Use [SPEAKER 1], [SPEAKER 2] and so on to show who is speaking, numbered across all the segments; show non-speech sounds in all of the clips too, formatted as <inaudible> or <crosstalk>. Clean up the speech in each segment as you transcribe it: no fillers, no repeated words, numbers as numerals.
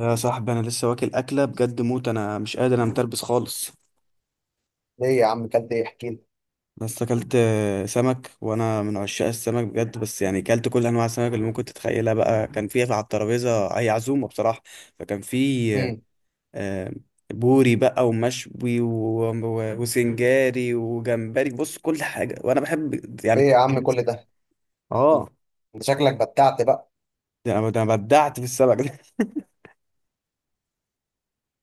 [SPEAKER 1] يا صاحبي، انا لسه واكل اكله بجد موت. انا مش قادر، انا متربس خالص.
[SPEAKER 2] ليه يا عم؟ كلت ايه؟ احكي لي.
[SPEAKER 1] بس اكلت سمك، وانا من عشاق السمك بجد. بس يعني اكلت كل انواع السمك اللي ممكن تتخيلها. بقى كان في على الترابيزه اي عزومه بصراحه. فكان في
[SPEAKER 2] امم.
[SPEAKER 1] آه، بوري بقى ومشوي وسنجاري وجمبري. بص كل حاجه وانا بحب
[SPEAKER 2] ايه
[SPEAKER 1] يعني.
[SPEAKER 2] يا عم؟ كل ده؟
[SPEAKER 1] اه،
[SPEAKER 2] انت شكلك بتعت بقى.
[SPEAKER 1] ده أنا بدعت في السمك <laughs> ده.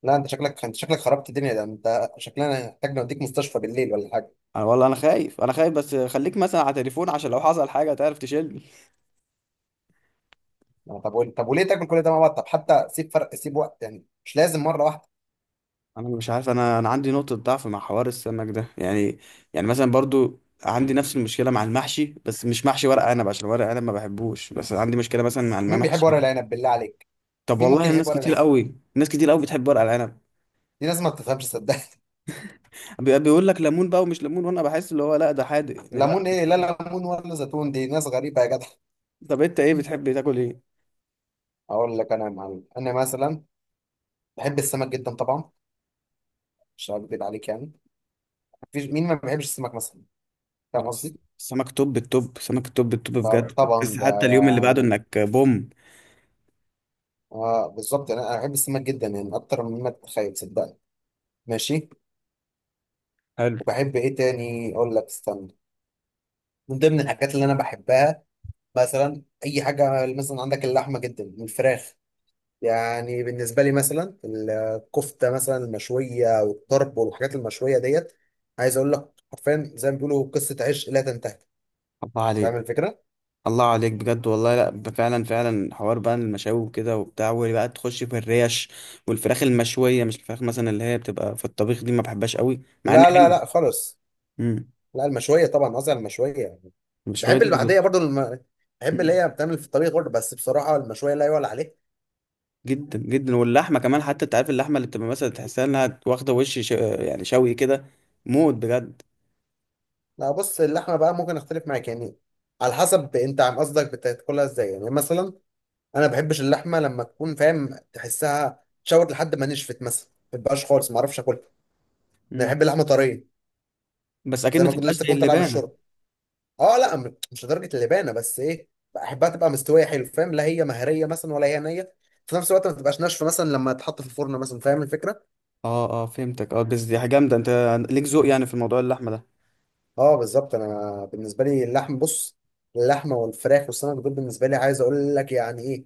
[SPEAKER 2] لا، انت شكلك خربت الدنيا. ده انت شكلنا محتاج نوديك مستشفى بالليل ولا حاجه؟
[SPEAKER 1] أنا والله انا خايف بس خليك مثلا على تليفون عشان لو حصل حاجه تعرف تشيل.
[SPEAKER 2] طب وليه تاكل كل ده مع بعض؟ طب حتى سيب فرق، سيب وقت يعني، مش لازم مره واحده.
[SPEAKER 1] انا مش عارف، انا عندي نقطه ضعف مع حوار السمك ده يعني. يعني مثلا برضو عندي نفس المشكله مع المحشي، بس مش محشي ورق عنب عشان ورق عنب ما بحبوش، بس عندي مشكله مثلا مع
[SPEAKER 2] مين بيحب
[SPEAKER 1] المحشي.
[SPEAKER 2] ورق العنب بالله عليك؟
[SPEAKER 1] طب
[SPEAKER 2] مين
[SPEAKER 1] والله
[SPEAKER 2] ممكن يحب
[SPEAKER 1] الناس
[SPEAKER 2] ورق
[SPEAKER 1] كتير
[SPEAKER 2] العنب؟
[SPEAKER 1] قوي، ناس كتير قوي بتحب ورق العنب.
[SPEAKER 2] <laughs> دي ناس ما بتفهمش، صدق.
[SPEAKER 1] بيقول لك ليمون بقى ومش ليمون، وانا بحس اللي هو لا، ده حادق
[SPEAKER 2] <laughs>
[SPEAKER 1] يعني، لا.
[SPEAKER 2] ليمون ايه؟ لا. ليمون ولا زيتون؟ دي ناس غريبه يا جدع.
[SPEAKER 1] طب انت ايه
[SPEAKER 2] <laughs>
[SPEAKER 1] بتحب تاكل؟ ايه؟
[SPEAKER 2] اقول لك انا يا معلم، انا مثلا بحب السمك جدا طبعا. مش هكذب عليك يعني. مفيش مين ما بيحبش السمك مثلا. فاهم
[SPEAKER 1] لا بس
[SPEAKER 2] قصدي؟
[SPEAKER 1] سمك توب التوب، سمك التوب التوب بجد
[SPEAKER 2] طب-
[SPEAKER 1] <laughs> بس
[SPEAKER 2] طبعا ده
[SPEAKER 1] حتى اليوم اللي بعده
[SPEAKER 2] يعني.
[SPEAKER 1] انك بوم.
[SPEAKER 2] اه، بالظبط، انا بحب السمك جدا يعني اكتر مما تتخيل صدقني. ماشي.
[SPEAKER 1] حلو.
[SPEAKER 2] وبحب ايه تاني؟ اقول لك، استنى. من ضمن الحاجات اللي انا بحبها، مثلا اي حاجه مثلا عندك، اللحمه جدا والفراخ. يعني بالنسبه لي مثلا، الكفته مثلا المشويه والطرب والحاجات المشويه ديت. عايز اقول لك حرفيا زي ما بيقولوا، قصه عشق لا تنتهي.
[SPEAKER 1] الله
[SPEAKER 2] فاهم
[SPEAKER 1] عليك،
[SPEAKER 2] الفكره؟
[SPEAKER 1] الله عليك بجد والله. لا، فعلا فعلا حوار بقى المشاوي وكده وبتاع، وبقى تخش في الريش. والفراخ المشوية، مش الفراخ مثلا اللي هي بتبقى في الطبيخ دي، ما بحبهاش قوي مع ان
[SPEAKER 2] لا، لا،
[SPEAKER 1] حلو.
[SPEAKER 2] لا خالص.
[SPEAKER 1] امم.
[SPEAKER 2] لا، المشويه طبعا، قصدي على المشويه يعني.
[SPEAKER 1] المشوية
[SPEAKER 2] بحب
[SPEAKER 1] دي
[SPEAKER 2] اللي
[SPEAKER 1] بجد.
[SPEAKER 2] بعديها برضو بحب اللي
[SPEAKER 1] مم.
[SPEAKER 2] هي بتعمل في الطبيخ برضو، بس بصراحه المشويه لا يعلى عليها.
[SPEAKER 1] جدا جدا. واللحمة كمان، حتى انت عارف اللحمة اللي بتبقى مثلا تحسها انها واخدة يعني شوي كده، موت بجد.
[SPEAKER 2] لا، بص، اللحمه بقى ممكن اختلف معاك يعني. على حسب انت عم قصدك بتاكلها ازاي يعني مثلا. انا ما بحبش اللحمه لما تكون، فاهم؟ تحسها شوت لحد ما نشفت مثلا، ما بتبقاش خالص، ما اعرفش اكلها. انا
[SPEAKER 1] امم.
[SPEAKER 2] بحب اللحمه طريه.
[SPEAKER 1] بس اكيد
[SPEAKER 2] زي
[SPEAKER 1] ما
[SPEAKER 2] ما كنت
[SPEAKER 1] تبقاش
[SPEAKER 2] لسه
[SPEAKER 1] زي
[SPEAKER 2] كنت طالعه من
[SPEAKER 1] اللبانة.
[SPEAKER 2] الشرب. اه، لا، مش لدرجه اللبانه بس ايه. بحبها تبقى مستويه حلو، فاهم؟ لا هي مهريه مثلا ولا هي نيه. في نفس الوقت ما تبقاش ناشفه مثلا لما تتحط في الفرن مثلا، فاهم الفكره؟
[SPEAKER 1] اه اه فهمتك، اه. بس دي حاجة جامدة، انت ليك ذوق يعني في موضوع اللحمة ده.
[SPEAKER 2] اه، بالظبط، انا بالنسبه لي اللحم، بص، اللحمه والفراخ والسمك دول بالنسبه لي عايز اقول لك يعني ايه؟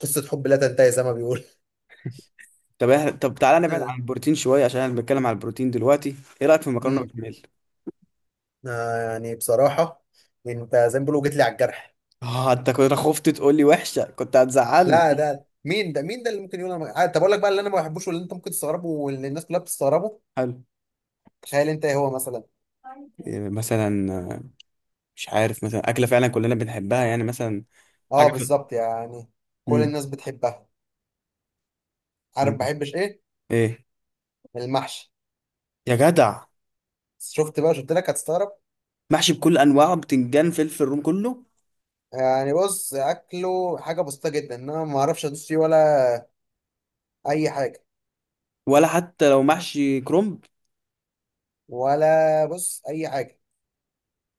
[SPEAKER 2] قصه حب لا تنتهي زي ما بيقول.
[SPEAKER 1] طب تعالى نبعد عن
[SPEAKER 2] <laughs>
[SPEAKER 1] البروتين شوية عشان احنا بنتكلم عن البروتين دلوقتي. ايه رأيك في المكرونة
[SPEAKER 2] امم.
[SPEAKER 1] بالبشاميل؟
[SPEAKER 2] آه، يعني بصراحه انت زي ما بيقولوا جيت لي على الجرح.
[SPEAKER 1] اه، انت كنت خفت تقول لي وحشه، كنت
[SPEAKER 2] لا،
[SPEAKER 1] هتزعلني.
[SPEAKER 2] ده مين؟ ده مين ده اللي ممكن يقول؟ انا ما- آه، طب اقول لك بقى اللي انا ما بحبوش، واللي انت ممكن تستغربه، واللي الناس كلها بتستغربه.
[SPEAKER 1] حلو.
[SPEAKER 2] تخيل انت ايه هو مثلا؟
[SPEAKER 1] إيه مثلا؟ آه، مش عارف مثلا اكله فعلا كلنا بنحبها يعني مثلا. حاجه
[SPEAKER 2] اه،
[SPEAKER 1] في...
[SPEAKER 2] بالظبط يعني، كل
[SPEAKER 1] مم.
[SPEAKER 2] الناس بتحبها. عارف ما
[SPEAKER 1] مم.
[SPEAKER 2] بحبش ايه؟
[SPEAKER 1] ايه؟
[SPEAKER 2] المحشي.
[SPEAKER 1] يا جدع،
[SPEAKER 2] شفت بقى؟ شفت لك هتستغرب.
[SPEAKER 1] محشي بكل انواعه، بتنجان، فلفل روم، كله.
[SPEAKER 2] يعني بص، اكله حاجه بسيطه جدا إن انا ما اعرفش ادوس فيه ولا اي حاجه.
[SPEAKER 1] ولا حتى لو محشي كرنب؟
[SPEAKER 2] ولا، بص، اي حاجه.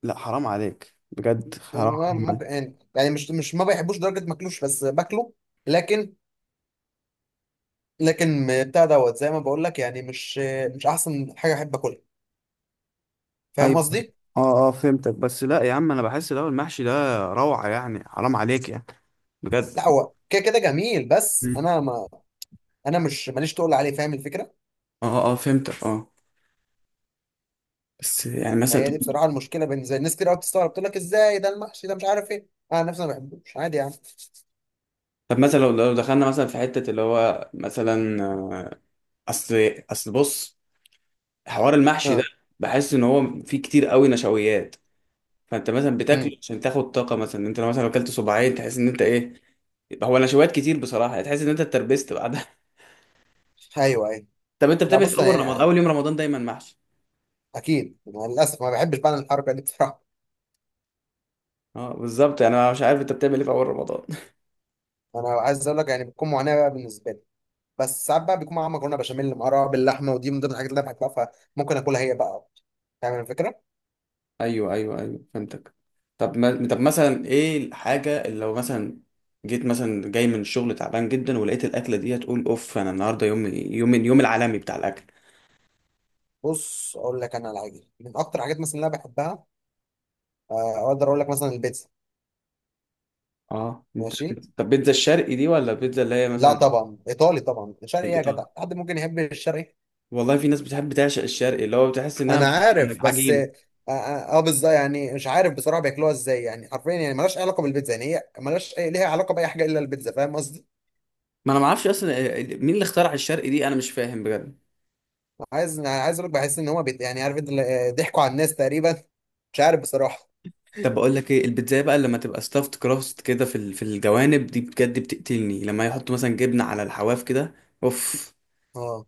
[SPEAKER 1] لا حرام عليك بجد، حرام
[SPEAKER 2] وإن أنا
[SPEAKER 1] حرام
[SPEAKER 2] ممكن
[SPEAKER 1] عليك.
[SPEAKER 2] يعني مش ما بيحبوش درجه ماكلوش، بس باكله. لكن، لكن بتاع دوت زي ما بقول لك، يعني مش مش احسن حاجه احب اكلها. فاهم
[SPEAKER 1] ايوه.
[SPEAKER 2] قصدي؟
[SPEAKER 1] اه اه فهمتك، بس لا يا عم انا بحس لو المحشي ده روعه، يعني حرام عليك يعني، بجد.
[SPEAKER 2] لا، هو كده كده جميل، بس
[SPEAKER 1] مم.
[SPEAKER 2] انا مش ماليش تقول عليه، فاهم الفكره؟
[SPEAKER 1] اه اه فهمتك، اه. بس يعني مثلا.
[SPEAKER 2] هي دي بصراحه المشكله بالنسبه لي. ناس كتير قوي بتستغرب، تقول لك ازاي ده المحشي ده مش عارف ايه؟ انا نفسي ما بحبوش عادي يعني.
[SPEAKER 1] طب مثلا لو دخلنا مثلا في حتة اللي هو مثلا اصل، اصل بص، حوار المحشي ده،
[SPEAKER 2] اه.
[SPEAKER 1] بحس ان هو فيه كتير قوي نشويات. فانت مثلا بتاكله
[SPEAKER 2] امم.
[SPEAKER 1] عشان تاخد طاقة. مثلا انت لو مثلا اكلت صباعين تحس ان انت ايه، هو نشويات كتير بصراحة. يعني تحس ان انت اتربست بعدها <laughs>
[SPEAKER 2] ايوه، ايوه.
[SPEAKER 1] طب انت
[SPEAKER 2] لا،
[SPEAKER 1] بتعمل إيه في
[SPEAKER 2] بص
[SPEAKER 1] اول
[SPEAKER 2] يعني،
[SPEAKER 1] رمضان؟ اول يوم رمضان دايما محشي.
[SPEAKER 2] اكيد أنا للاسف ما بحبش بعمل الحركه دي بصراحه.
[SPEAKER 1] اه بالظبط يعني. انا مش عارف انت بتعمل ايه في اول رمضان.
[SPEAKER 2] انا عايز اقول لك يعني، بتكون معاناه بقى بالنسبه لي. بس ساعات بقى بيكون معاها مكرونه بشاميل، معاها باللحمه، ودي من ضمن الحاجات اللي انا بحبها. فممكن اكلها هي بقى. فاهم الفكره؟
[SPEAKER 1] ايوه ايوه ايوه فهمتك. طب ما... طب مثلا ايه الحاجه اللي لو مثلا جيت مثلا جاي من الشغل تعبان جدا ولقيت الاكله دي، هتقول اوف، انا النهارده يوم يوم اليوم العالمي بتاع الاكل.
[SPEAKER 2] بص، اقول لك انا على حاجه من اكتر الحاجات مثلا اللي انا بحبها. آه، اقدر اقول لك مثلا البيتزا.
[SPEAKER 1] اه انت.
[SPEAKER 2] ماشي.
[SPEAKER 1] طب بيتزا الشرقي دي ولا بيتزا اللي هي
[SPEAKER 2] لا،
[SPEAKER 1] مثلا
[SPEAKER 2] طبعا ايطالي طبعا. الشرقي إيه يا
[SPEAKER 1] الايطالي؟
[SPEAKER 2] جدع؟ حد ممكن يحب الشرقي؟
[SPEAKER 1] والله في ناس بتحب تعشق الشرقي اللي هو بتحس انها
[SPEAKER 2] انا عارف
[SPEAKER 1] مليانة
[SPEAKER 2] بس
[SPEAKER 1] عجينه <laughs>
[SPEAKER 2] آه. آه، بالظبط يعني، مش عارف بصراحه بياكلوها ازاي يعني حرفيا، يعني ملهاش أي علاقه بالبيتزا، يعني هي ملهاش أي ليها علاقه باي حاجه الا البيتزا، فاهم؟
[SPEAKER 1] ما انا ما اعرفش اصلا مين اللي اخترع الشرقي دي، انا مش فاهم بجد.
[SPEAKER 2] عايز اقول لك، بحس ان هما يعني، عارف انت ضحكوا على الناس تقريبا. مش عارف بصراحه.
[SPEAKER 1] طب بقول لك ايه، البيتزا بقى لما تبقى ستافت كراست كده في في الجوانب دي بجد بتقتلني لما يحطوا مثلا جبنه على الحواف كده، اوف،
[SPEAKER 2] اه.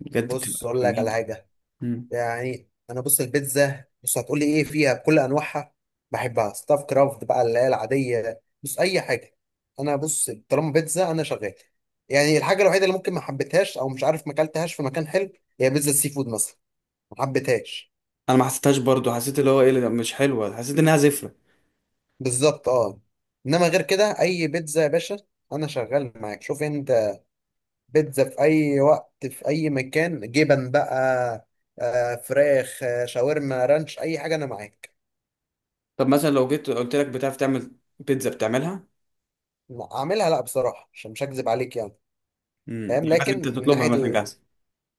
[SPEAKER 1] بجد
[SPEAKER 2] بص،
[SPEAKER 1] بتبقى
[SPEAKER 2] اقول لك على
[SPEAKER 1] جميلة.
[SPEAKER 2] حاجه.
[SPEAKER 1] مم.
[SPEAKER 2] يعني انا بص، البيتزا بص هتقول لي ايه فيها، بكل انواعها بحبها ستاف كرافت بقى اللي هي العاديه، بص اي حاجه. انا بص، طالما بيتزا انا شغال. يعني الحاجه الوحيده اللي ممكن ما حبيتهاش او مش عارف ما اكلتهاش في مكان حلو، هي بيتزا السي فود مثلا. ما حبيتهاش.
[SPEAKER 1] انا ما حسيتهاش برضو، حسيت اللي هو ايه، لا، مش حلوه، حسيت انها زفره.
[SPEAKER 2] بالظبط، اه. انما غير كده اي بيتزا يا باشا. انا شغال معاك، شوف انت. بيتزا في اي وقت في اي مكان، جبن بقى، فراخ، شاورما رانش، اي حاجه انا معاك.
[SPEAKER 1] طب مثلا لو جيت قلت لك بتعرف تعمل بيتزا، بتعملها؟
[SPEAKER 2] اعملها؟ لا بصراحه، عشان مش هكذب عليك يعني.
[SPEAKER 1] امم،
[SPEAKER 2] فاهم،
[SPEAKER 1] يعني مثلا انت
[SPEAKER 2] لكن من
[SPEAKER 1] تطلبها
[SPEAKER 2] ناحيه
[SPEAKER 1] مثلا جاهزه.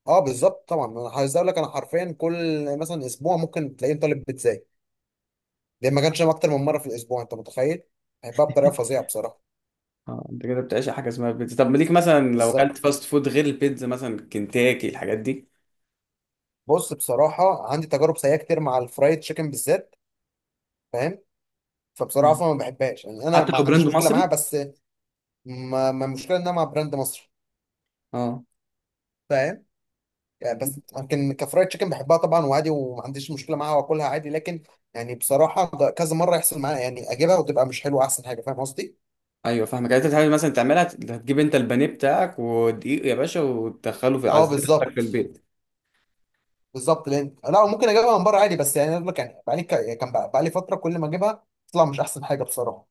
[SPEAKER 2] اه، بالظبط طبعا. انا عايز اقول لك، انا حرفيا كل مثلا اسبوع ممكن تلاقيني طالب بيتزاي. ده ما كانش اكتر من مره في الاسبوع، انت متخيل؟ بحبها بطريقه
[SPEAKER 1] <laughs>
[SPEAKER 2] فظيعه بصراحه.
[SPEAKER 1] اه انت كده بتعيش على حاجه اسمها بيتزا. طب ليك مثلا لو اكلت
[SPEAKER 2] بالظبط.
[SPEAKER 1] فاست فود غير البيتزا، مثلا كنتاكي الحاجات دي؟
[SPEAKER 2] بص، بصراحه عندي تجارب سيئه كتير مع الفرايد تشيكن بالذات، فاهم؟ فبصراحه
[SPEAKER 1] مم.
[SPEAKER 2] أصلاً ما بحبهاش، يعني انا
[SPEAKER 1] حتى
[SPEAKER 2] ما
[SPEAKER 1] لو
[SPEAKER 2] عنديش
[SPEAKER 1] براند
[SPEAKER 2] مشكله معاها
[SPEAKER 1] مصري؟
[SPEAKER 2] بس ما المشكله انها مع براند مصري،
[SPEAKER 1] اه.
[SPEAKER 2] فاهم؟ يعني بس لكن كفرايد تشيكن بحبها طبعا وعادي، وما عنديش مشكله معاها، واكلها عادي، لكن يعني بصراحه ده كذا مره يحصل معايا، يعني اجيبها وتبقى مش حلوه احسن حاجه، فاهم قصدي؟
[SPEAKER 1] ايوه فاهمك. يعني انت حاجه مثلا تعملها، هتجيب انت البانيه بتاعك ودقيق يا باشا وتدخله في
[SPEAKER 2] اه،
[SPEAKER 1] عزيت عندك في
[SPEAKER 2] بالظبط.
[SPEAKER 1] البيت.
[SPEAKER 2] بالظبط، لان لا، ممكن اجيبها من بره عادي، بس يعني اقول لك يعني بقالي يعني بقالي فتره كل ما اجيبها تطلع مش احسن حاجه بصراحه.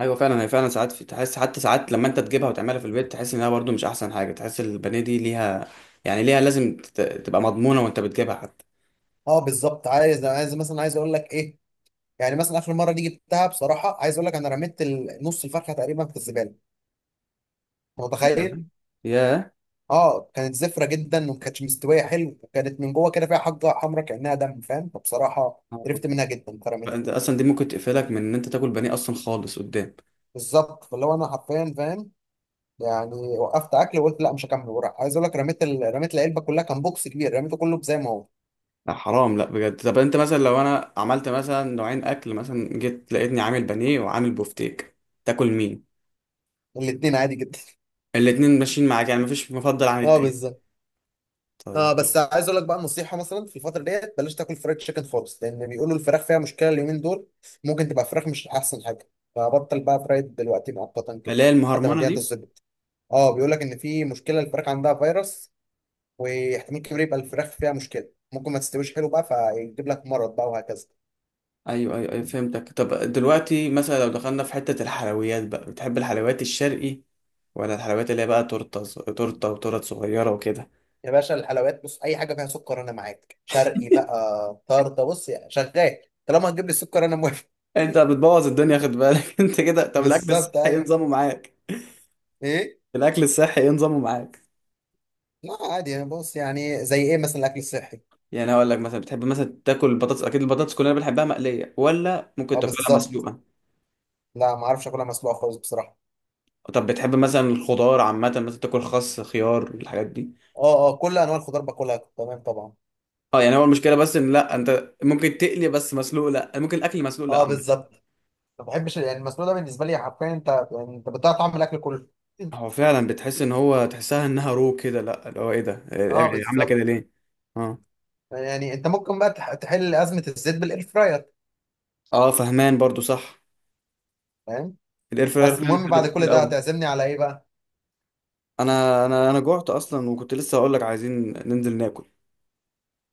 [SPEAKER 1] ايوه فعلا، هي فعلا ساعات في، تحس حتى ساعات لما انت تجيبها وتعملها في البيت تحس انها برضو مش احسن حاجه، تحس البانيه دي ليها، يعني ليها لازم تبقى مضمونه وانت بتجيبها حتى.
[SPEAKER 2] اه، بالظبط. عايز مثلا، عايز اقول لك ايه، يعني مثلا اخر مره دي جبتها، بصراحه عايز اقول لك انا رميت نص الفرخه تقريبا في الزباله.
[SPEAKER 1] <laughs>
[SPEAKER 2] متخيل؟
[SPEAKER 1] نعم. ياه.
[SPEAKER 2] اه، كانت زفرة جدا وما كانتش مستوية حلو، وكانت من جوه كده فيها حاجة حمرا كأنها دم، فاهم؟ فبصراحة قرفت منها جدا فرمتها.
[SPEAKER 1] انت اصلا دي ممكن تقفلك من ان انت تاكل بانيه اصلا خالص قدام.
[SPEAKER 2] بالظبط، فاللي هو انا حرفيا، فاهم؟ يعني وقفت اكل وقلت لا مش هكمل. وراح، عايز اقول لك رميت العلبة كلها، كان بوكس كبير، رميته كله زي ما هو.
[SPEAKER 1] لا حرام، لا بجد. طب انت مثلا لو انا عملت مثلا نوعين اكل، مثلا جيت لقيتني عامل بانيه وعامل بوفتيك، تاكل مين؟
[SPEAKER 2] الاتنين عادي جدا.
[SPEAKER 1] الاتنين ماشيين معاك يعني؟ مفيش مفضل عن
[SPEAKER 2] <laughs> اه،
[SPEAKER 1] التاني؟
[SPEAKER 2] بالظبط. اه،
[SPEAKER 1] طيب.
[SPEAKER 2] بس عايز اقول لك بقى نصيحة، مثلا في الفترة ديت بلاش تاكل فرايد تشيكن خالص، لان بيقولوا الفراخ فيها مشكلة اليومين دول. ممكن تبقى فراخ مش احسن حاجة، فبطل بقى فرايد دلوقتي مؤقتا كده،
[SPEAKER 1] اللي هي
[SPEAKER 2] لحد ما
[SPEAKER 1] المهرمانه
[SPEAKER 2] الدنيا
[SPEAKER 1] دي.
[SPEAKER 2] تظبط. اه، بيقول لك ان في مشكله، الفراخ عندها فيروس، واحتمال كبير يبقى الفراخ فيها مشكله، ممكن ما تستويش حلو بقى فيجيب لك مرض بقى، وهكذا.
[SPEAKER 1] ايوه ايوه ايوه فهمتك. طب دلوقتي مثلا لو دخلنا في حتة الحلويات بقى، بتحب الحلويات الشرقي ولا الحلويات اللي هي بقى تورته، تورته وتورت صغيرة وكده؟
[SPEAKER 2] يا باشا، الحلويات بص، اي حاجه فيها سكر انا معاك، شرقي بقى طرده، بص يعني شغال. طالما هتجيب لي السكر انا موافق.
[SPEAKER 1] انت بتبوظ الدنيا خد
[SPEAKER 2] <laughs>
[SPEAKER 1] بالك <laughs> انت كده. طب الاكل
[SPEAKER 2] بالظبط،
[SPEAKER 1] الصحي ايه
[SPEAKER 2] ايوه.
[SPEAKER 1] نظامه معاك؟
[SPEAKER 2] ايه؟
[SPEAKER 1] الاكل الصحي ايه نظامه معاك؟
[SPEAKER 2] لا، عادي، انا بص، يعني زي ايه مثلا الاكل الصحي؟
[SPEAKER 1] يعني هقول لك مثلا بتحب مثلا تاكل البطاطس، اكيد البطاطس كلنا بنحبها مقلية، ولا ممكن
[SPEAKER 2] اه،
[SPEAKER 1] تاكلها
[SPEAKER 2] بالظبط.
[SPEAKER 1] مسلوقة؟
[SPEAKER 2] لا، ما اعرفش اكلها مسلوقه خالص بصراحه.
[SPEAKER 1] طب بتحب مثلا الخضار عامة، مثلا تاكل خس خيار الحاجات دي؟
[SPEAKER 2] اه، اه، كل انواع الخضار باكلها تمام طبعا.
[SPEAKER 1] اه يعني هو المشكلة بس ان لا، انت ممكن تقلي بس مسلوق لا، ممكن الاكل مسلوق لا
[SPEAKER 2] اه،
[SPEAKER 1] عامة.
[SPEAKER 2] بالظبط. ما بحبش يعني المسلوق ده، بالنسبه لي حرفيا، انت بتضيع طعم الاكل كله.
[SPEAKER 1] هو فعلا بتحس ان هو، تحسها انها رو كده، لا اللي هو ايه ده، إيه- إيه
[SPEAKER 2] اه،
[SPEAKER 1] إيه، عامله كده
[SPEAKER 2] بالظبط،
[SPEAKER 1] ليه؟ اه
[SPEAKER 2] يعني انت ممكن بقى تحل ازمه الزيت بالاير فراير،
[SPEAKER 1] اه فهمان برضو، صح.
[SPEAKER 2] فاهم؟
[SPEAKER 1] الاير فراير
[SPEAKER 2] بس
[SPEAKER 1] فعلا
[SPEAKER 2] المهم
[SPEAKER 1] حدد
[SPEAKER 2] بعد كل
[SPEAKER 1] كتير
[SPEAKER 2] ده،
[SPEAKER 1] قوي.
[SPEAKER 2] هتعزمني على ايه بقى؟
[SPEAKER 1] انا جوعت اصلا وكنت لسه هقول لك عايزين ننزل ناكل.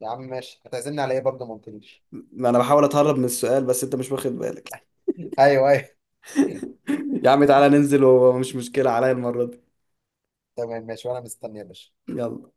[SPEAKER 2] يا عم ماشي، هتعزمني على ايه برضه؟ ما قلتليش.
[SPEAKER 1] انا بحاول اتهرب من السؤال بس انت مش واخد بالك <laughs>
[SPEAKER 2] ايوه، ايوه. <laughs>
[SPEAKER 1] يا عم تعالى ننزل ومش مشكله عليا المره دي.
[SPEAKER 2] تمام، ماشي وانا مستني يا باشا.
[SPEAKER 1] يلا.